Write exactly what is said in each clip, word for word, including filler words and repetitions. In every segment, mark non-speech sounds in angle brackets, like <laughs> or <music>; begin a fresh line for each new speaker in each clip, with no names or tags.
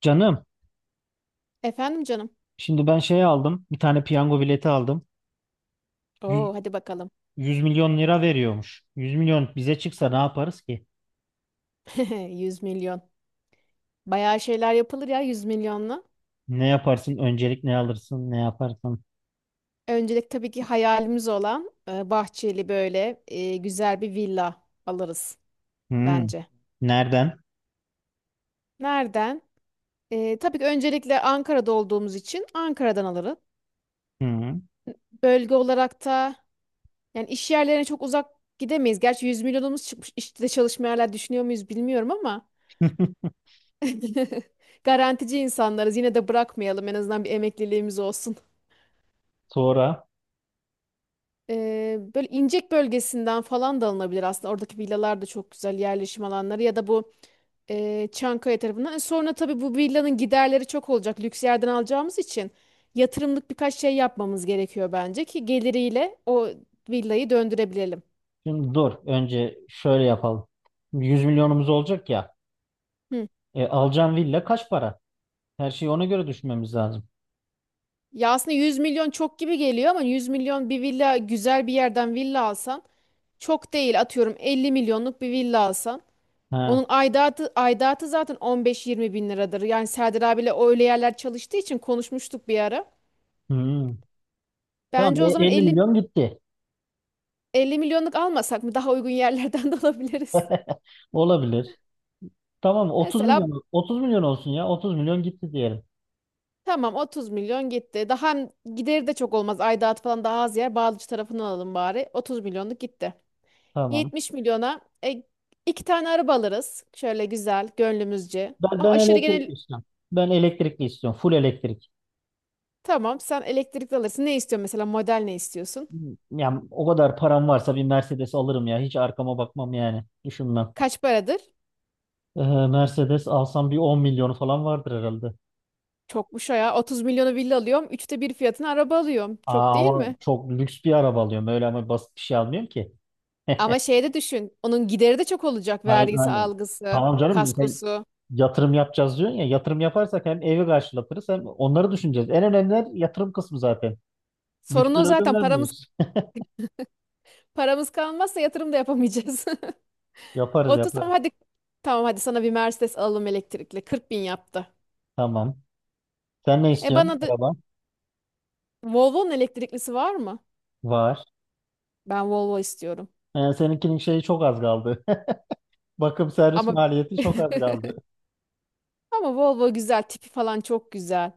Canım,
Efendim canım.
şimdi ben şey aldım. Bir tane piyango bileti aldım. Yüz
Oo hadi bakalım.
milyon lira veriyormuş. Yüz milyon bize çıksa ne yaparız ki?
<laughs> Yüz milyon. Bayağı şeyler yapılır ya yüz milyonla.
Ne yaparsın? Öncelik ne alırsın? Ne yaparsın?
Öncelik tabii ki hayalimiz olan e, bahçeli böyle e, güzel bir villa alırız
Hmm.
bence.
Nereden?
Nereden? E, tabii ki öncelikle Ankara'da olduğumuz için Ankara'dan alırız.
Hmm.
Bölge olarak da yani iş yerlerine çok uzak gidemeyiz. Gerçi yüz milyonumuz çıkmış. İşte çalışma yerler düşünüyor muyuz bilmiyorum ama
<laughs>
<laughs> garantici insanlarız. Yine de bırakmayalım. En azından bir emekliliğimiz olsun.
Sonra
Ee, böyle İncek bölgesinden falan da alınabilir aslında. Oradaki villalar da çok güzel yerleşim alanları ya da bu e, Çankaya tarafından. E, Sonra tabii bu villanın giderleri çok olacak. Lüks yerden alacağımız için yatırımlık birkaç şey yapmamız gerekiyor bence ki geliriyle o villayı döndürebilelim.
şimdi dur. Önce şöyle yapalım. Yüz milyonumuz olacak ya.
Hı.
E, alacağın villa kaç para? Her şeyi ona göre düşünmemiz lazım.
Ya aslında yüz milyon çok gibi geliyor ama yüz milyon bir villa güzel bir yerden villa alsan çok değil atıyorum elli milyonluk bir villa alsan.
Ha.
Onun aidatı, aidatı zaten on beş yirmi bin liradır. Yani Serdar abiyle öyle yerler çalıştığı için konuşmuştuk bir ara.
Hmm.
Bence
Tamam,
o
e,
zaman
elli
elli,
milyon gitti.
elli milyonluk almasak mı? Daha uygun yerlerden <laughs> de alabiliriz.
Olabilir. Tamam. Otuz
Mesela
milyon otuz milyon olsun ya. Otuz milyon gitti diyelim.
tamam otuz milyon gitti. Daha hem gideri de çok olmaz. Aidatı falan daha az yer. Bağlıcı tarafını alalım bari. otuz milyonluk gitti.
Tamam.
yetmiş milyona e, iki tane araba alırız. Şöyle güzel, gönlümüzce.
Ben,
Ama
ben
aşırı
elektrikli
genel.
istiyorum. Ben elektrikli istiyorum. Full elektrik.
Tamam, sen elektrikli alırsın. Ne istiyorsun mesela? Model ne istiyorsun?
Yani o kadar param varsa bir Mercedes alırım ya. Hiç arkama bakmam yani. Düşünmem.
Kaç paradır?
Ee, Mercedes alsam bir on milyonu falan vardır herhalde.
Çokmuş o ya. otuz milyonu villa alıyorum. Üçte bir fiyatına araba alıyorum. Çok
Aa,
değil
ama
mi?
çok lüks bir araba alıyorum. Öyle ama basit bir şey almıyorum ki.
Ama
<laughs>
şeye de düşün. Onun gideri de çok olacak.
Aynen,
Vergisi,
aynen.
algısı,
Tamam canım, sen
kaskosu.
yatırım yapacağız diyorsun ya. Yatırım yaparsak hem evi karşılatırız hem onları düşüneceğiz. En önemli yatırım kısmı zaten.
Sorun o
Lüksten ödün
zaten. Paramız
vermiyoruz.
paramız kalmazsa yatırım da yapamayacağız.
<laughs>
<laughs>
Yaparız,
otuz, tamam
yaparız.
hadi. Tamam hadi, sana bir Mercedes alalım elektrikli. kırk bin yaptı.
Tamam. Sen ne
E bana
istiyorsun?
da
Araba
Volvo'nun elektriklisi var mı?
var.
Ben Volvo istiyorum.
Yani seninkinin şeyi çok az kaldı. <laughs> Bakım servis
Ama
maliyeti çok az
<laughs>
kaldı.
ama Volvo güzel. Tipi falan çok güzel.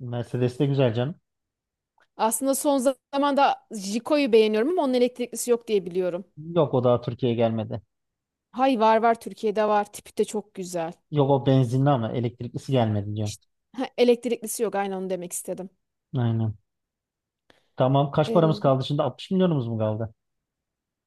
Mercedes de güzel canım.
Aslında son zamanda Jiko'yu beğeniyorum ama onun elektriklisi yok diye biliyorum.
Yok, o daha Türkiye'ye gelmedi.
Hay var var, Türkiye'de var. Tipi de çok güzel.
Yok, o benzinli ama elektriklisi gelmedi diyor.
İşte, ha, elektriklisi yok. Aynen onu demek istedim.
Aynen. Tamam, kaç paramız
Ee,
kaldı şimdi? altmış milyonumuz mu kaldı?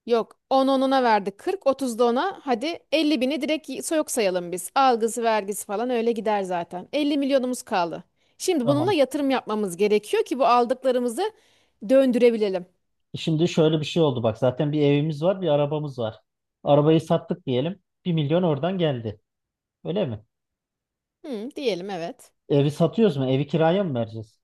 yok on onuna verdi. kırk otuzda ona, hadi elli bini direkt y- yok sayalım biz. Algısı vergisi falan öyle gider zaten. elli milyonumuz kaldı. Şimdi bununla
Tamam.
yatırım yapmamız gerekiyor ki bu aldıklarımızı döndürebilelim.
Şimdi şöyle bir şey oldu bak. Zaten bir evimiz var, bir arabamız var. Arabayı sattık diyelim. Bir milyon oradan geldi. Öyle mi?
Hı, diyelim evet.
Evi satıyoruz mu? Evi kiraya mı vereceğiz?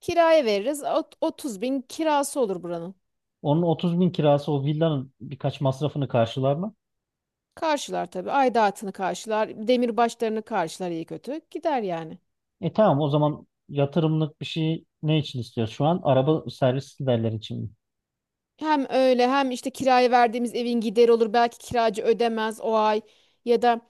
Kiraya veririz. Ot- otuz bin kirası olur buranın.
Onun otuz bin kirası o villanın birkaç masrafını karşılar mı?
Karşılar tabii. Aidatını karşılar. Demir başlarını karşılar iyi kötü. Gider yani.
E tamam, o zaman yatırımlık bir şey ne için istiyoruz şu an? Araba servis giderleri için mi?
Hem öyle hem işte kiraya verdiğimiz evin gideri olur. Belki kiracı ödemez o ay ya da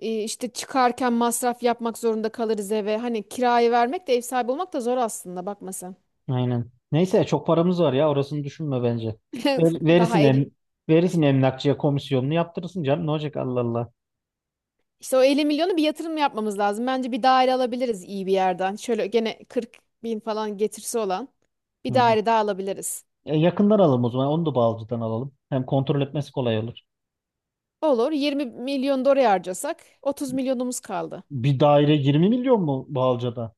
e, işte çıkarken masraf yapmak zorunda kalırız eve. Hani kirayı vermek de ev sahibi olmak da zor aslında, bakma sen.
Aynen. Neyse, çok paramız var ya, orasını düşünme bence. Ver-
<laughs> Daha
verirsin
el,
em verirsin emlakçıya komisyonunu yaptırırsın canım, ne olacak, Allah Allah.
işte o elli milyonu bir yatırım yapmamız lazım. Bence bir daire alabiliriz iyi bir yerden. Şöyle gene kırk bin falan getirisi olan bir
Hı.
daire daha alabiliriz.
E, yakından alalım o zaman, onu da Bağlıca'dan alalım. Hem kontrol etmesi kolay olur.
Olur, yirmi milyon da oraya harcasak otuz milyonumuz kaldı.
Bir daire yirmi milyon mu Bağlıca'da?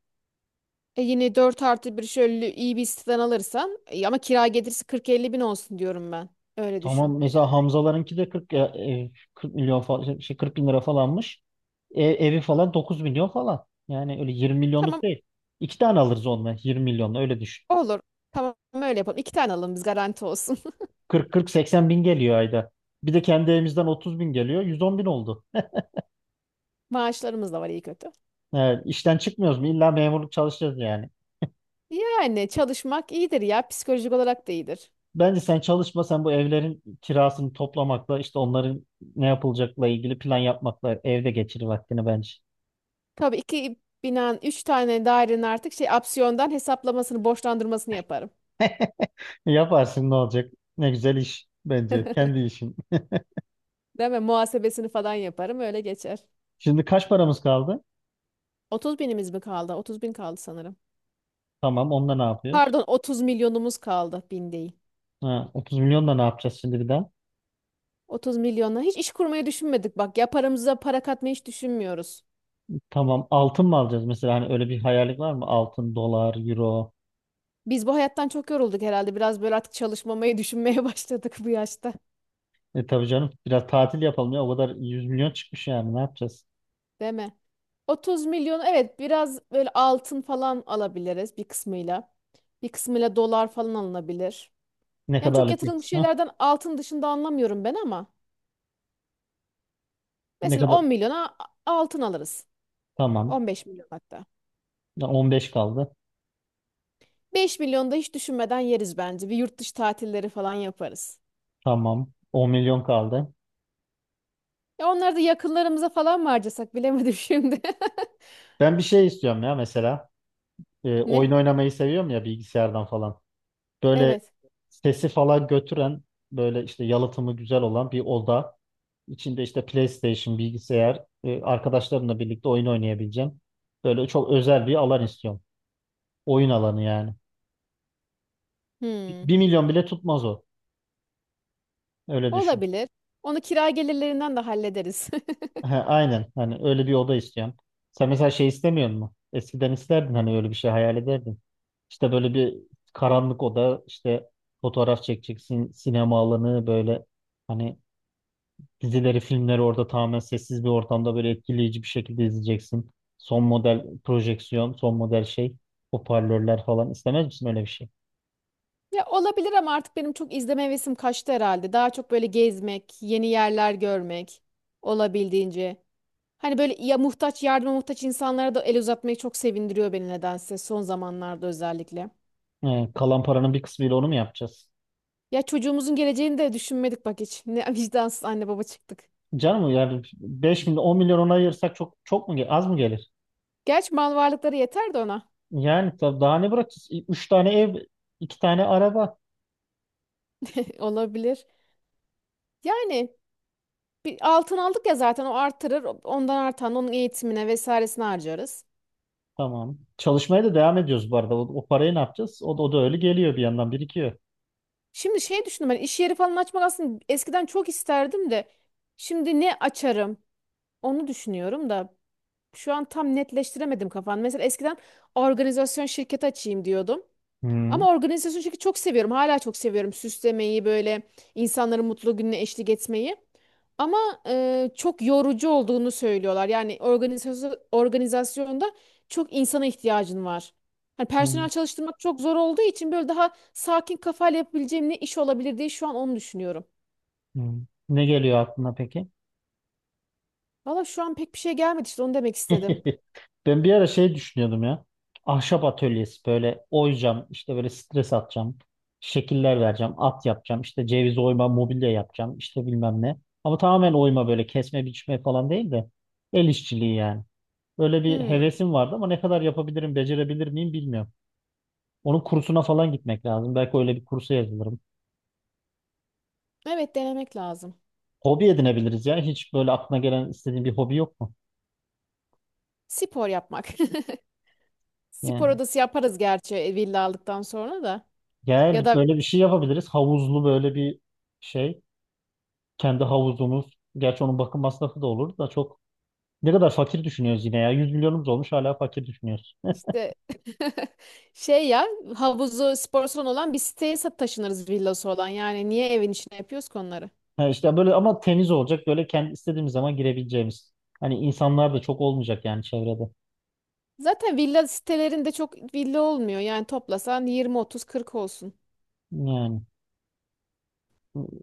E yine dört artı bir şöyle iyi bir siteden alırsan e ama kira gelirse kırk elli bin olsun diyorum ben. Öyle düşün.
Tamam, mesela Hamzalarınki de kırk ya- e, kırk milyon falan, şey, kırk bin lira falanmış. E, evi falan dokuz milyon falan. Yani öyle yirmi
Tamam,
milyonluk değil. İki tane alırız onunla, yirmi milyonla öyle düşün.
olur. Tamam öyle yapalım. İki tane alalım biz, garanti olsun.
kırk kırk-seksen bin geliyor ayda. Bir de kendi evimizden otuz bin geliyor. yüz on bin oldu.
<laughs> Maaşlarımız da var iyi kötü.
Evet, işten çıkmıyoruz mu? İlla memurluk çalışacağız yani.
Yani çalışmak iyidir ya. Psikolojik olarak da iyidir.
Bence sen çalışma, sen bu evlerin kirasını toplamakla, işte onların ne yapılacakla ilgili plan yapmakla evde geçir vaktini bence.
Tabii iki binan, üç tane dairenin artık şey opsiyondan hesaplamasını, borçlandırmasını yaparım.
<laughs> Yaparsın, ne olacak? Ne güzel iş bence. Kendi işin.
Değil mi? Muhasebesini falan yaparım. Öyle geçer.
Şimdi kaç paramız kaldı?
Otuz binimiz mi kaldı? Otuz bin kaldı sanırım.
Tamam, onunla ne yapıyoruz?
Pardon, otuz milyonumuz kaldı. Bin değil.
Ha, otuz milyonla ne yapacağız şimdi bir daha?
otuz milyonla hiç iş kurmayı düşünmedik bak ya, paramıza para katmayı hiç düşünmüyoruz.
Tamam, altın mı alacağız? Mesela hani öyle bir hayallik var mı? Altın, dolar, euro.
Biz bu hayattan çok yorulduk herhalde, biraz böyle artık çalışmamayı düşünmeye <laughs> başladık bu yaşta,
E tabii canım, biraz tatil yapalım ya. O kadar yüz milyon çıkmış, yani ne yapacağız?
değil mi? otuz milyon, evet biraz böyle altın falan alabiliriz bir kısmıyla. Bir kısmıyla dolar falan alınabilir.
Ne
Yani çok
kadarlık bir
yatırılmış
kısmı?
şeylerden altın dışında anlamıyorum ben, ama
Ne
mesela
kadar?
on milyona a- altın alırız.
Tamam.
on beş milyon hatta.
Ya on beş kaldı.
beş milyon da hiç düşünmeden yeriz bence. Bir yurt dışı tatilleri falan yaparız.
Tamam. on milyon kaldı.
Ya onları da yakınlarımıza falan mı harcasak bilemedim <laughs> şimdi.
Ben bir şey istiyorum ya mesela. E,
Ne?
oyun oynamayı seviyorum ya bilgisayardan falan. Böyle
Evet.
sesi falan götüren, böyle işte yalıtımı güzel olan bir oda. İçinde işte PlayStation, bilgisayar, e, arkadaşlarımla birlikte oyun oynayabileceğim. Böyle çok özel bir alan istiyorum. Oyun alanı yani.
Hmm.
bir milyon bile tutmaz o. Öyle düşün. <laughs>
Olabilir. Onu kira gelirlerinden de hallederiz. <laughs>
Ha, aynen. Hani öyle bir oda istiyorum. Sen mesela şey istemiyor musun? Eskiden isterdin, hani öyle bir şey hayal ederdin. İşte böyle bir karanlık oda, işte fotoğraf çekeceksin, sinema alanı böyle, hani dizileri, filmleri orada tamamen sessiz bir ortamda böyle etkileyici bir şekilde izleyeceksin. Son model projeksiyon, son model şey, hoparlörler falan. İstemez misin öyle bir şey?
Ya olabilir ama artık benim çok izleme hevesim kaçtı herhalde. Daha çok böyle gezmek, yeni yerler görmek olabildiğince. Hani böyle ya muhtaç, yardıma muhtaç insanlara da el uzatmayı çok sevindiriyor beni nedense son zamanlarda, özellikle.
Ee, kalan paranın bir kısmıyla onu mu yapacağız?
Ya çocuğumuzun geleceğini de düşünmedik bak hiç. Ne <laughs> vicdansız anne baba çıktık.
Canım yani beş milyon, on milyon ona ayırsak çok çok mu gel- az mı gelir?
Gerçi mal varlıkları yeter de ona.
Yani tab- daha ne bırakacağız? Üç tane ev, iki tane araba.
<laughs> Olabilir. Yani bir altın aldık ya zaten, o artırır. Ondan artan onun eğitimine vesairesine harcarız.
Tamam. Çalışmaya da devam ediyoruz bu arada. O, o parayı ne yapacağız? O, da- o da öyle geliyor, bir yandan birikiyor.
Şimdi şey düşündüm ben, iş yeri falan açmak aslında eskiden çok isterdim de şimdi ne açarım onu düşünüyorum da şu an tam netleştiremedim kafamda. Mesela eskiden organizasyon şirketi açayım diyordum.
Hmm.
Ama organizasyon çünkü çok seviyorum. Hala çok seviyorum süslemeyi, böyle insanların mutlu gününe eşlik etmeyi. Ama e, çok yorucu olduğunu söylüyorlar. Yani organizasyon, organizasyonda çok insana ihtiyacın var. Hani
Hmm.
personel çalıştırmak çok zor olduğu için böyle daha sakin kafayla yapabileceğim ne iş olabilir diye şu an onu düşünüyorum.
Hmm. Ne geliyor aklına peki?
Valla şu an pek bir şey gelmedi, işte onu demek istedim.
<laughs> Ben bir ara şey düşünüyordum ya. Ahşap atölyesi, böyle oyacağım, işte böyle stres atacağım, şekiller vereceğim, at yapacağım, işte ceviz oyma, mobilya yapacağım, işte bilmem ne. Ama tamamen oyma böyle kesme biçme falan değil de el işçiliği yani. Böyle bir
Hmm,
hevesim vardı ama ne kadar yapabilirim, becerebilir miyim bilmiyorum. Onun kursuna falan gitmek lazım. Belki öyle bir kursa yazılırım.
evet denemek lazım.
Hobi edinebiliriz ya. Hiç böyle aklına gelen istediğin bir hobi yok mu?
Spor yapmak. <laughs> Spor
Yani,
odası yaparız gerçi e, villa aldıktan sonra da. Ya
yani
da
böyle bir şey yapabiliriz. Havuzlu böyle bir şey. Kendi havuzumuz. Gerçi onun bakım masrafı da olur da çok, ne kadar fakir düşünüyoruz yine ya. yüz milyonumuz olmuş hala fakir düşünüyoruz.
İşte <laughs> şey ya, havuzu spor salonu olan bir siteye sa- taşınırız villası olan. Yani niye evin içine yapıyoruz ki onları?
Ha, işte böyle, ama temiz olacak. Böyle kendi istediğimiz zaman girebileceğimiz. Hani insanlar da çok olmayacak yani çevrede.
Zaten villa sitelerinde çok villa olmuyor. Yani toplasan yirmi otuz kırk olsun.
Yani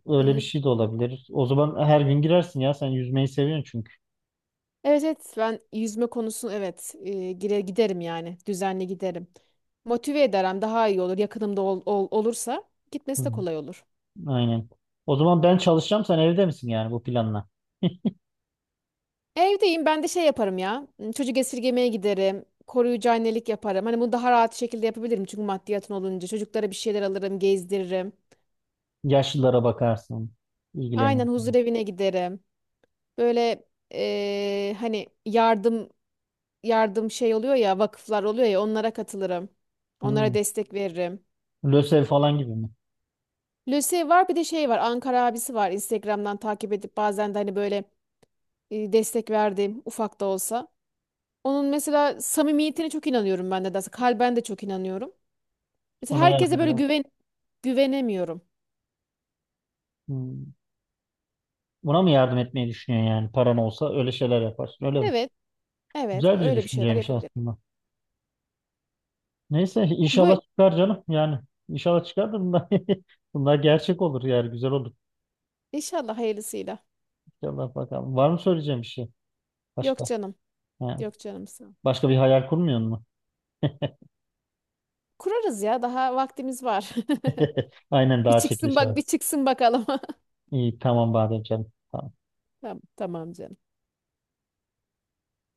öyle bir
Ee,
şey de olabilir. O zaman her gün girersin ya. Sen yüzmeyi seviyorsun çünkü.
evet evet ben yüzme konusunu evet e, gire giderim yani. Düzenli giderim. Motive ederim daha iyi olur. Yakınımda ol- ol- olursa
Hı
gitmesi de
hı.
kolay olur.
Aynen. O zaman ben çalışacağım. Sen evde misin yani bu planla?
Evdeyim, ben de şey yaparım ya. Çocuk esirgemeye giderim. Koruyucu annelik yaparım. Hani bunu daha rahat şekilde yapabilirim çünkü maddiyatın olunca. Çocuklara bir şeyler alırım, gezdiririm.
Yaşlılara bakarsın,
Aynen, huzur
ilgilenirsin.
evine giderim. Böyle eee, hani yardım yardım şey oluyor ya, vakıflar oluyor ya, onlara katılırım. Onlara
Hı.
destek veririm.
Lösev falan gibi mi?
Lucy var, bir de şey var, Ankara abisi var. Instagram'dan takip edip bazen de hani böyle e, destek verdiğim ufak da olsa. Onun mesela samimiyetine çok inanıyorum ben de. Kalben de çok inanıyorum. Mesela
Ona
herkese
yardım
böyle
eder.
güven güvenemiyorum.
Hı. Buna mı yardım etmeyi düşünüyorsun yani, paran olsa öyle şeyler yaparsın öyle mi?
Evet, evet
Güzel bir
öyle bir şeyler
düşünceymiş
yapabilirim.
aslında. Neyse
Bu
inşallah çıkar canım, yani inşallah çıkar da bunlar, <laughs> bunlar gerçek olur, yani güzel olur.
inşallah hayırlısıyla.
İnşallah bakalım. Var mı söyleyeceğim bir şey
Yok
başka?
canım,
Ha,
yok canım sağ ol.
başka bir hayal kurmuyor mu?
Kurarız ya, daha vaktimiz var.
<laughs> Aynen,
<laughs> Bir
daha
çıksın
çekiliş
bak,
var.
bir çıksın bakalım. <laughs>
İyi, tamam Badem canım. Tamam.
Tamam, tamam canım.